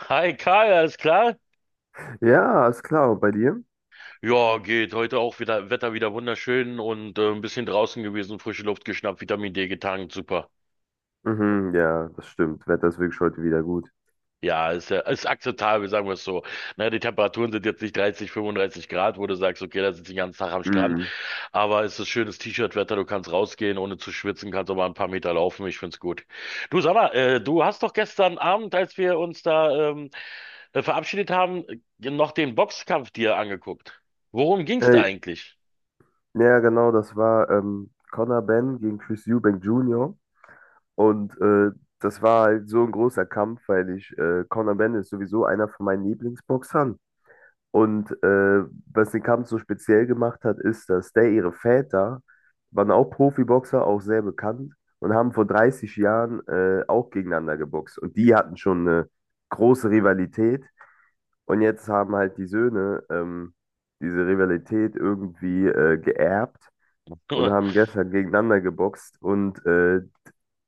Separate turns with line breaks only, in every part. Hi Karl, alles klar?
Ja, ist klar. Und bei dir?
Ja, geht. Heute auch wieder Wetter wieder wunderschön und ein bisschen draußen gewesen, frische Luft geschnappt, Vitamin D getankt, super.
Mhm, ja, das stimmt. Wetter ist wirklich heute wieder gut.
Ja, ist akzeptabel, sagen wir es so. Na, die Temperaturen sind jetzt nicht 30, 35 Grad, wo du sagst, okay, da sitze ich den ganzen Tag am Strand,
Mhm.
aber es ist schönes T-Shirt-Wetter, du kannst rausgehen, ohne zu schwitzen, kannst auch mal ein paar Meter laufen, ich find's gut. Du, sag mal, du hast doch gestern Abend, als wir uns da verabschiedet haben, noch den Boxkampf dir angeguckt. Worum ging's da
Ey,
eigentlich?
ja, genau, das war Conor Benn gegen Chris Eubank Jr. Und äh, Das war halt so ein großer Kampf, weil Conor Benn ist sowieso einer von meinen Lieblingsboxern Und äh, Was den Kampf so speziell gemacht hat, ist, dass der ihre Väter waren auch Profiboxer auch sehr bekannt, und haben vor 30 Jahren auch gegeneinander geboxt Und die hatten schon eine große Rivalität. Und jetzt haben halt die Söhne diese Rivalität irgendwie geerbt und haben gestern gegeneinander geboxt. Und äh,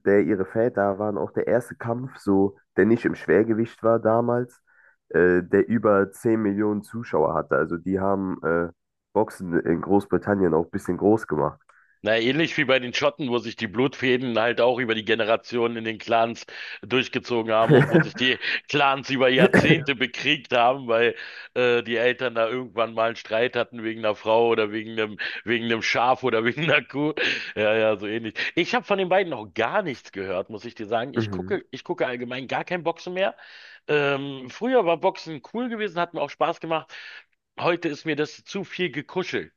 der, Ihre Väter waren auch der erste Kampf, so, der nicht im Schwergewicht war damals, der über 10 Millionen Zuschauer hatte. Also die haben Boxen in Großbritannien auch ein bisschen groß gemacht.
Na, ähnlich wie bei den Schotten, wo sich die Blutfäden halt auch über die Generationen in den Clans durchgezogen haben und wo sich die Clans über Jahrzehnte bekriegt haben, weil die Eltern da irgendwann mal einen Streit hatten wegen einer Frau oder wegen einem Schaf oder wegen einer Kuh. Ja, ja, so ähnlich. Ich habe von den beiden noch gar nichts gehört, muss ich dir sagen. Ich
Mhm,
gucke, ich gucke allgemein gar kein Boxen mehr. Früher war Boxen cool gewesen, hat mir auch Spaß gemacht. Heute ist mir das zu viel gekuschelt.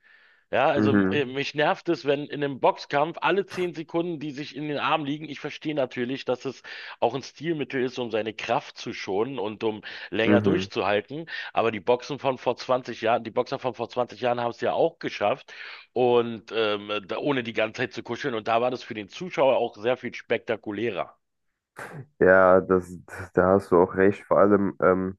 Ja, also
mhm,
mich nervt es, wenn in einem Boxkampf alle 10 Sekunden, die sich in den Arm liegen. Ich verstehe natürlich, dass es auch ein Stilmittel ist, um seine Kraft zu schonen und um länger
mhm.
durchzuhalten. Aber die Boxen von vor 20 Jahren, die Boxer von vor 20 Jahren haben es ja auch geschafft und da, ohne die ganze Zeit zu kuscheln. Und da war das für den Zuschauer auch sehr viel spektakulärer.
Ja, da hast du auch recht. Vor allem,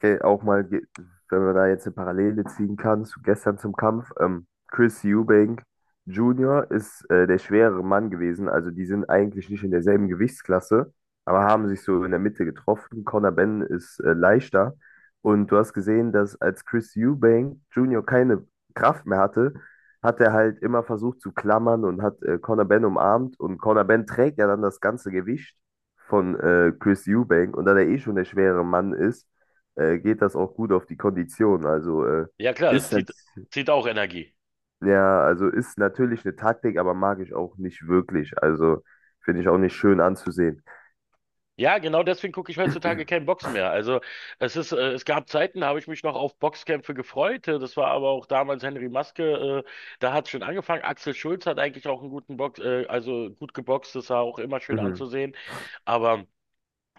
ge- auch mal, ge- wenn man da jetzt eine Parallele ziehen kann zu gestern zum Kampf: Chris Eubank Jr. ist der schwerere Mann gewesen. Also die sind eigentlich nicht in derselben Gewichtsklasse, aber haben sich so in der Mitte getroffen. Conor Benn ist leichter. Und du hast gesehen, dass, als Chris Eubank Jr. keine Kraft mehr hatte, hat er halt immer versucht zu klammern und hat Conor Benn umarmt Und Conor Benn trägt ja dann das ganze Gewicht von Chris Eubank. Und da der eh schon der schwere Mann ist, geht das auch gut auf die Kondition.
Ja klar, das
Ist nat-
zieht auch Energie.
ja, also ist natürlich eine Taktik, aber mag ich auch nicht wirklich. Also finde ich auch nicht schön anzusehen.
Ja, genau deswegen gucke ich heutzutage kein Boxen mehr. Also es gab Zeiten, da habe ich mich noch auf Boxkämpfe gefreut. Das war aber auch damals Henry Maske, da hat es schon angefangen. Axel Schulz hat eigentlich auch also gut geboxt, das war auch immer schön
Mhm.
anzusehen. Aber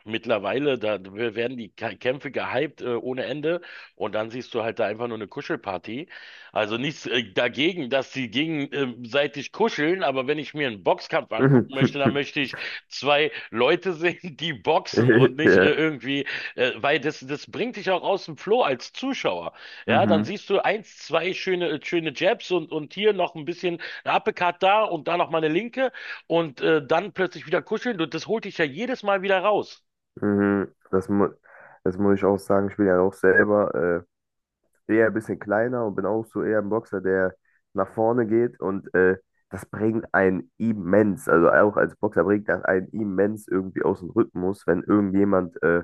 mittlerweile, da werden die Kämpfe gehypt ohne Ende und dann siehst du halt da einfach nur eine Kuschelparty. Also nichts dagegen, dass sie gegenseitig kuscheln, aber wenn ich mir einen Boxkampf angucken möchte, dann möchte ich zwei Leute sehen, die boxen und nicht
Ja.
irgendwie, weil das, das bringt dich auch aus dem Flow als Zuschauer. Ja, dann
Mhm.
siehst du eins, zwei schöne, schöne Jabs und hier noch ein bisschen ein Uppercut da und da noch mal eine Linke und dann plötzlich wieder kuscheln und das holt dich ja jedes Mal wieder raus.
Mhm. Das muss ich auch sagen, ich bin ja auch selber eher ein bisschen kleiner und bin auch so eher ein Boxer, der nach vorne geht, und das bringt einen immens, also auch als Boxer bringt das einen immens irgendwie aus dem Rhythmus, wenn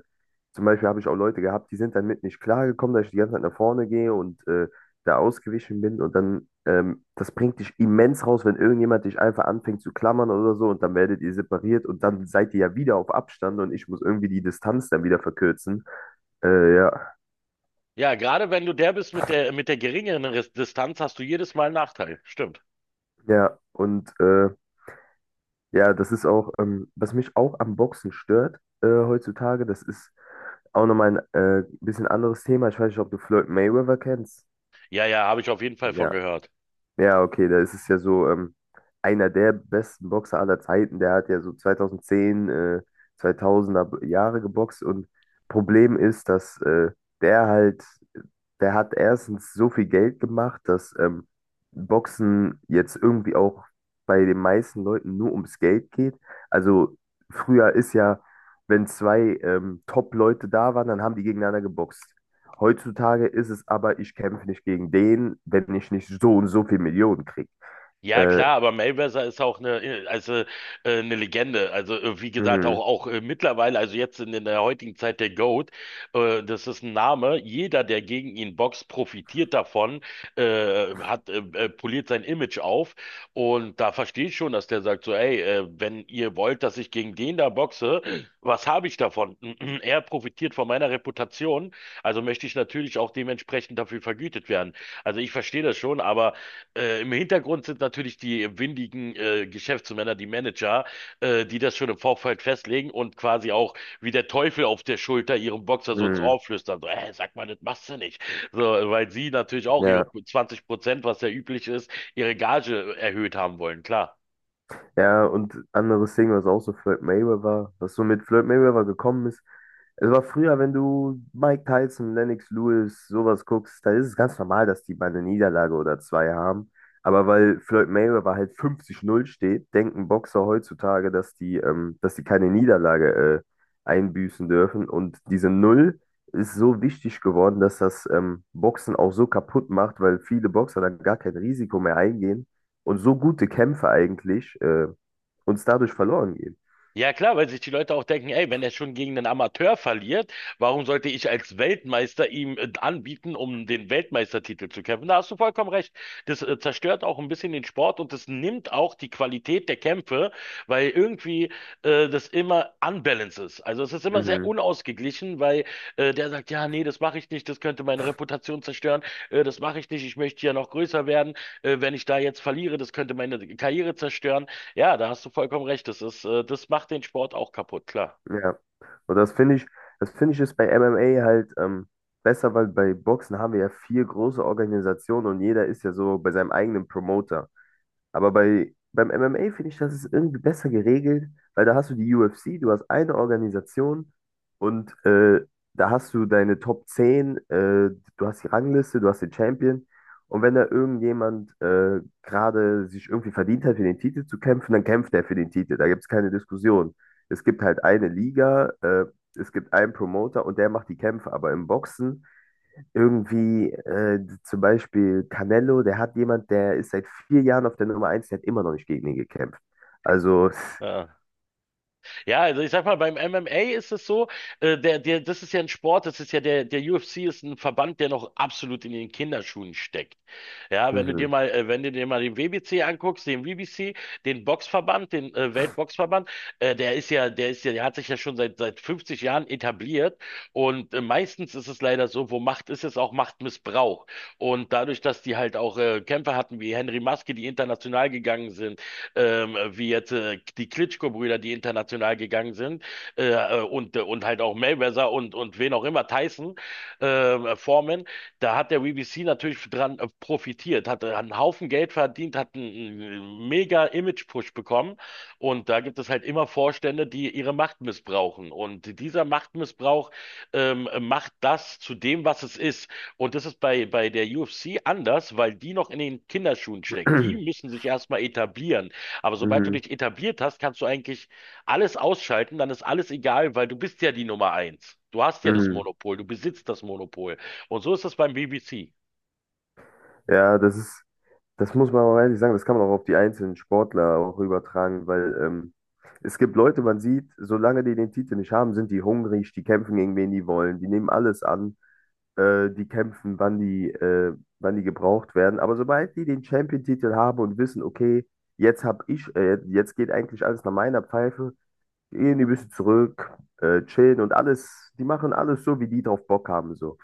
zum Beispiel, habe ich auch Leute gehabt, die sind dann mit nicht klargekommen, dass ich die ganze Zeit nach vorne gehe und da ausgewichen bin, und dann, das bringt dich immens raus, wenn irgendjemand dich einfach anfängt zu klammern oder so, und dann werdet ihr separiert und dann seid ihr ja wieder auf Abstand und ich muss irgendwie die Distanz dann wieder verkürzen. Äh, ja,
Ja, gerade wenn du der bist mit der geringeren Distanz, hast du jedes Mal einen Nachteil. Stimmt.
ja, und äh, Ja, das ist auch, was mich auch am Boxen stört heutzutage, das ist auch nochmal ein bisschen anderes Thema. Ich weiß nicht, ob du Floyd Mayweather kennst.
Ja, ja, habe ich auf jeden Fall von
Ja,
gehört.
ja, okay, da ist es ja so, einer der besten Boxer aller Zeiten, der hat ja so 2010 2000 Jahre geboxt, und Problem ist, dass der halt, der hat erstens so viel Geld gemacht, dass Boxen jetzt irgendwie auch bei den meisten Leuten nur ums Geld geht. Also früher ist ja, wenn zwei Top-Leute da waren, dann haben die gegeneinander geboxt. Heutzutage ist es aber, ich kämpfe nicht gegen den, wenn ich nicht so und so viel Millionen kriege.
Ja,
Äh,
klar, aber Mayweather ist auch eine Legende. Also, wie gesagt,
mhm,
auch mittlerweile, also jetzt in der heutigen Zeit der GOAT, das ist ein Name. Jeder, der gegen ihn boxt, profitiert davon, hat poliert sein Image auf. Und da verstehe ich schon, dass der sagt so, ey, wenn ihr wollt, dass ich gegen den da boxe, was habe ich davon? Er profitiert von meiner Reputation, also möchte ich natürlich auch dementsprechend dafür vergütet werden. Also, ich verstehe das schon, aber im Hintergrund sind natürlich die windigen Geschäftsmänner, die Manager, die das schon im Vorfeld festlegen und quasi auch wie der Teufel auf der Schulter ihrem Boxer so ins
mhm,
Ohr flüstern. So, sag mal, das machst du nicht. So, weil sie natürlich auch ihre
ja.
20%, was ja üblich ist, ihre Gage erhöht haben wollen, klar.
Ja, und anderes Ding, was so mit Floyd Mayweather gekommen ist. Es war früher, wenn du Mike Tyson, Lennox Lewis, sowas guckst, da ist es ganz normal, dass die mal eine Niederlage oder zwei haben. Aber weil Floyd Mayweather halt 50-0 steht, denken Boxer heutzutage, dass die keine Niederlage einbüßen dürfen. Und diese Null ist so wichtig geworden, dass das Boxen auch so kaputt macht, weil viele Boxer dann gar kein Risiko mehr eingehen und so gute Kämpfe eigentlich uns dadurch verloren gehen.
Ja klar, weil sich die Leute auch denken, ey, wenn er schon gegen einen Amateur verliert, warum sollte ich als Weltmeister ihm anbieten, um den Weltmeistertitel zu kämpfen? Da hast du vollkommen recht. Das zerstört auch ein bisschen den Sport und das nimmt auch die Qualität der Kämpfe, weil irgendwie das immer unbalanced ist. Also es ist immer sehr
Mhm,
unausgeglichen, weil der sagt, ja, nee, das mache ich nicht, das könnte meine Reputation zerstören, das mache ich nicht, ich möchte ja noch größer werden, wenn ich da jetzt verliere, das könnte meine Karriere zerstören. Ja, da hast du vollkommen recht. Das ist, das macht den Sport auch kaputt, klar.
ja. Und das finde ich ist bei MMA halt besser, weil bei Boxen haben wir ja 4 große Organisationen und jeder ist ja so bei seinem eigenen Promoter. Beim MMA finde ich, das ist irgendwie besser geregelt, weil da hast du die UFC, du hast eine Organisation, und da hast du deine Top 10, du hast die Rangliste, du hast den Champion. Und wenn da irgendjemand gerade sich irgendwie verdient hat, für den Titel zu kämpfen, dann kämpft er für den Titel. Da gibt es keine Diskussion. Es gibt halt eine Liga, es gibt einen Promoter und der macht die Kämpfe. Aber im Boxen, irgendwie, zum Beispiel Canelo, der hat jemand, der ist seit 4 Jahren auf der Nummer eins, der hat immer noch nicht gegen ihn gekämpft. Also,
Ja. Ja, also ich sag mal, beim MMA ist es so, das ist ja ein Sport, das ist ja der UFC ist ein Verband, der noch absolut in den Kinderschuhen steckt. Ja, wenn du dir
mhm,
mal, wenn du dir mal den WBC anguckst, den WBC, den Boxverband, den Weltboxverband, der hat sich ja schon seit 50 Jahren etabliert und meistens ist es leider so, wo Macht ist, ist auch Machtmissbrauch. Und dadurch, dass die halt auch Kämpfer hatten wie Henry Maske, die international gegangen sind, wie jetzt die Klitschko-Brüder, die international gegangen sind, und halt auch Mayweather und wen auch immer, Tyson, Foreman, da hat der BBC natürlich dran profitiert, hat einen Haufen Geld verdient, hat einen mega Image-Push bekommen. Und da gibt es halt immer Vorstände, die ihre Macht missbrauchen. Und dieser Machtmissbrauch macht das zu dem, was es ist. Und das ist bei der UFC anders, weil die noch in den Kinderschuhen steckt. Die müssen sich erstmal etablieren. Aber sobald du
mhm,
dich etabliert hast, kannst du eigentlich alles ausschalten, dann ist alles egal, weil du bist ja die Nummer eins. Du hast ja das
mhm.
Monopol, du besitzt das Monopol. Und so ist das beim BBC.
Ja, das muss man auch ehrlich sagen, das kann man auch auf die einzelnen Sportler auch übertragen, weil es gibt Leute, man sieht, solange die den Titel nicht haben, sind die hungrig, die kämpfen gegen wen die wollen, die nehmen alles an. Die kämpfen, wann die gebraucht werden. Aber sobald die den Champion-Titel haben und wissen, okay, jetzt geht eigentlich alles nach meiner Pfeife, gehen die ein bisschen zurück, chillen und alles, die machen alles so, wie die drauf Bock haben, so.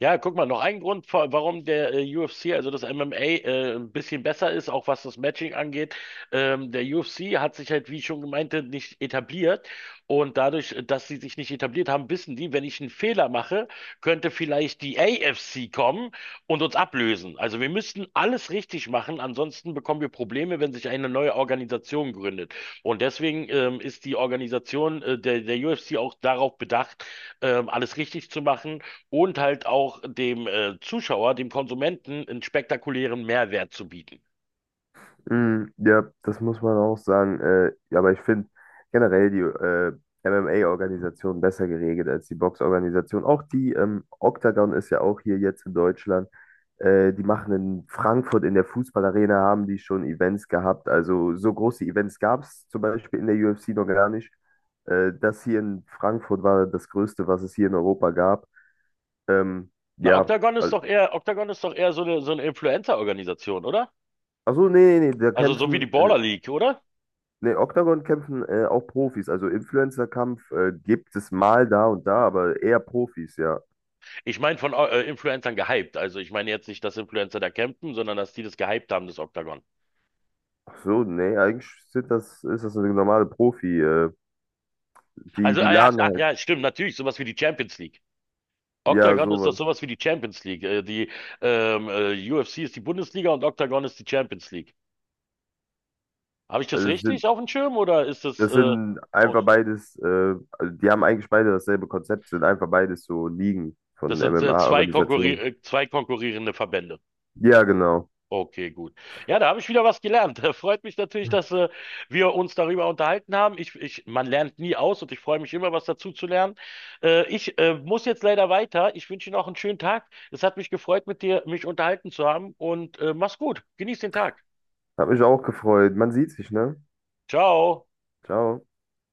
Ja, guck mal, noch ein Grund, warum der UFC, also das MMA, ein bisschen besser ist, auch was das Matching angeht. Der UFC hat sich halt, wie ich schon gemeinte, nicht etabliert. Und dadurch, dass sie sich nicht etabliert haben, wissen die, wenn ich einen Fehler mache, könnte vielleicht die AFC kommen und uns ablösen. Also wir müssten alles richtig machen, ansonsten bekommen wir Probleme, wenn sich eine neue Organisation gründet. Und deswegen ist die Organisation der UFC auch darauf bedacht, alles richtig zu machen und halt auch dem Zuschauer, dem Konsumenten, einen spektakulären Mehrwert zu bieten.
Mm, ja, das muss man auch sagen. Ja, aber ich finde generell die MMA-Organisation besser geregelt als die Box-Organisation. Auch die Octagon ist ja auch hier jetzt in Deutschland. Die machen in Frankfurt in der Fußballarena, haben die schon Events gehabt. Also so große Events gab es zum Beispiel in der UFC noch gar nicht. Das hier in Frankfurt war das Größte, was es hier in Europa gab. Ähm,
Na,
ja,
Octagon ist doch eher, Octagon ist doch eher so eine Influencer-Organisation, oder?
also nee, nee, nee, da
Also so wie
kämpfen.
die Baller League, oder?
Nee, Octagon, kämpfen auch Profis. Also Influencer-Kampf gibt es mal da und da, aber eher Profis, ja.
Ich meine von Influencern gehypt. Also ich meine jetzt nicht, dass Influencer da campen, sondern dass die das gehypt haben, das Octagon.
Ach so, nee, eigentlich sind das, ist das eine normale Profi.
Also,
Die
ah ja,
laden
ach
halt,
ja, stimmt, natürlich, sowas wie die Champions League.
ja,
Octagon ist doch
sowas.
sowas wie die Champions League. Die UFC ist die Bundesliga und Octagon ist die Champions League. Habe ich das
Also es
richtig
sind,
auf dem Schirm oder ist das
Das sind einfach beides, also die haben eigentlich beide dasselbe Konzept, sind einfach beides so Ligen
das
von
sind zwei
MMA-Organisationen.
konkurrierende Verbände.
Ja, genau.
Okay, gut. Ja, da habe ich wieder was gelernt. Freut mich natürlich, dass wir uns darüber unterhalten haben. Ich, man lernt nie aus und ich freue mich immer, was dazu zu lernen. Ich muss jetzt leider weiter. Ich wünsche Ihnen auch einen schönen Tag. Es hat mich gefreut, mit dir mich unterhalten zu haben und mach's gut. Genieß den Tag.
Hat mich auch gefreut. Man sieht sich, ne?
Ciao.
Ciao.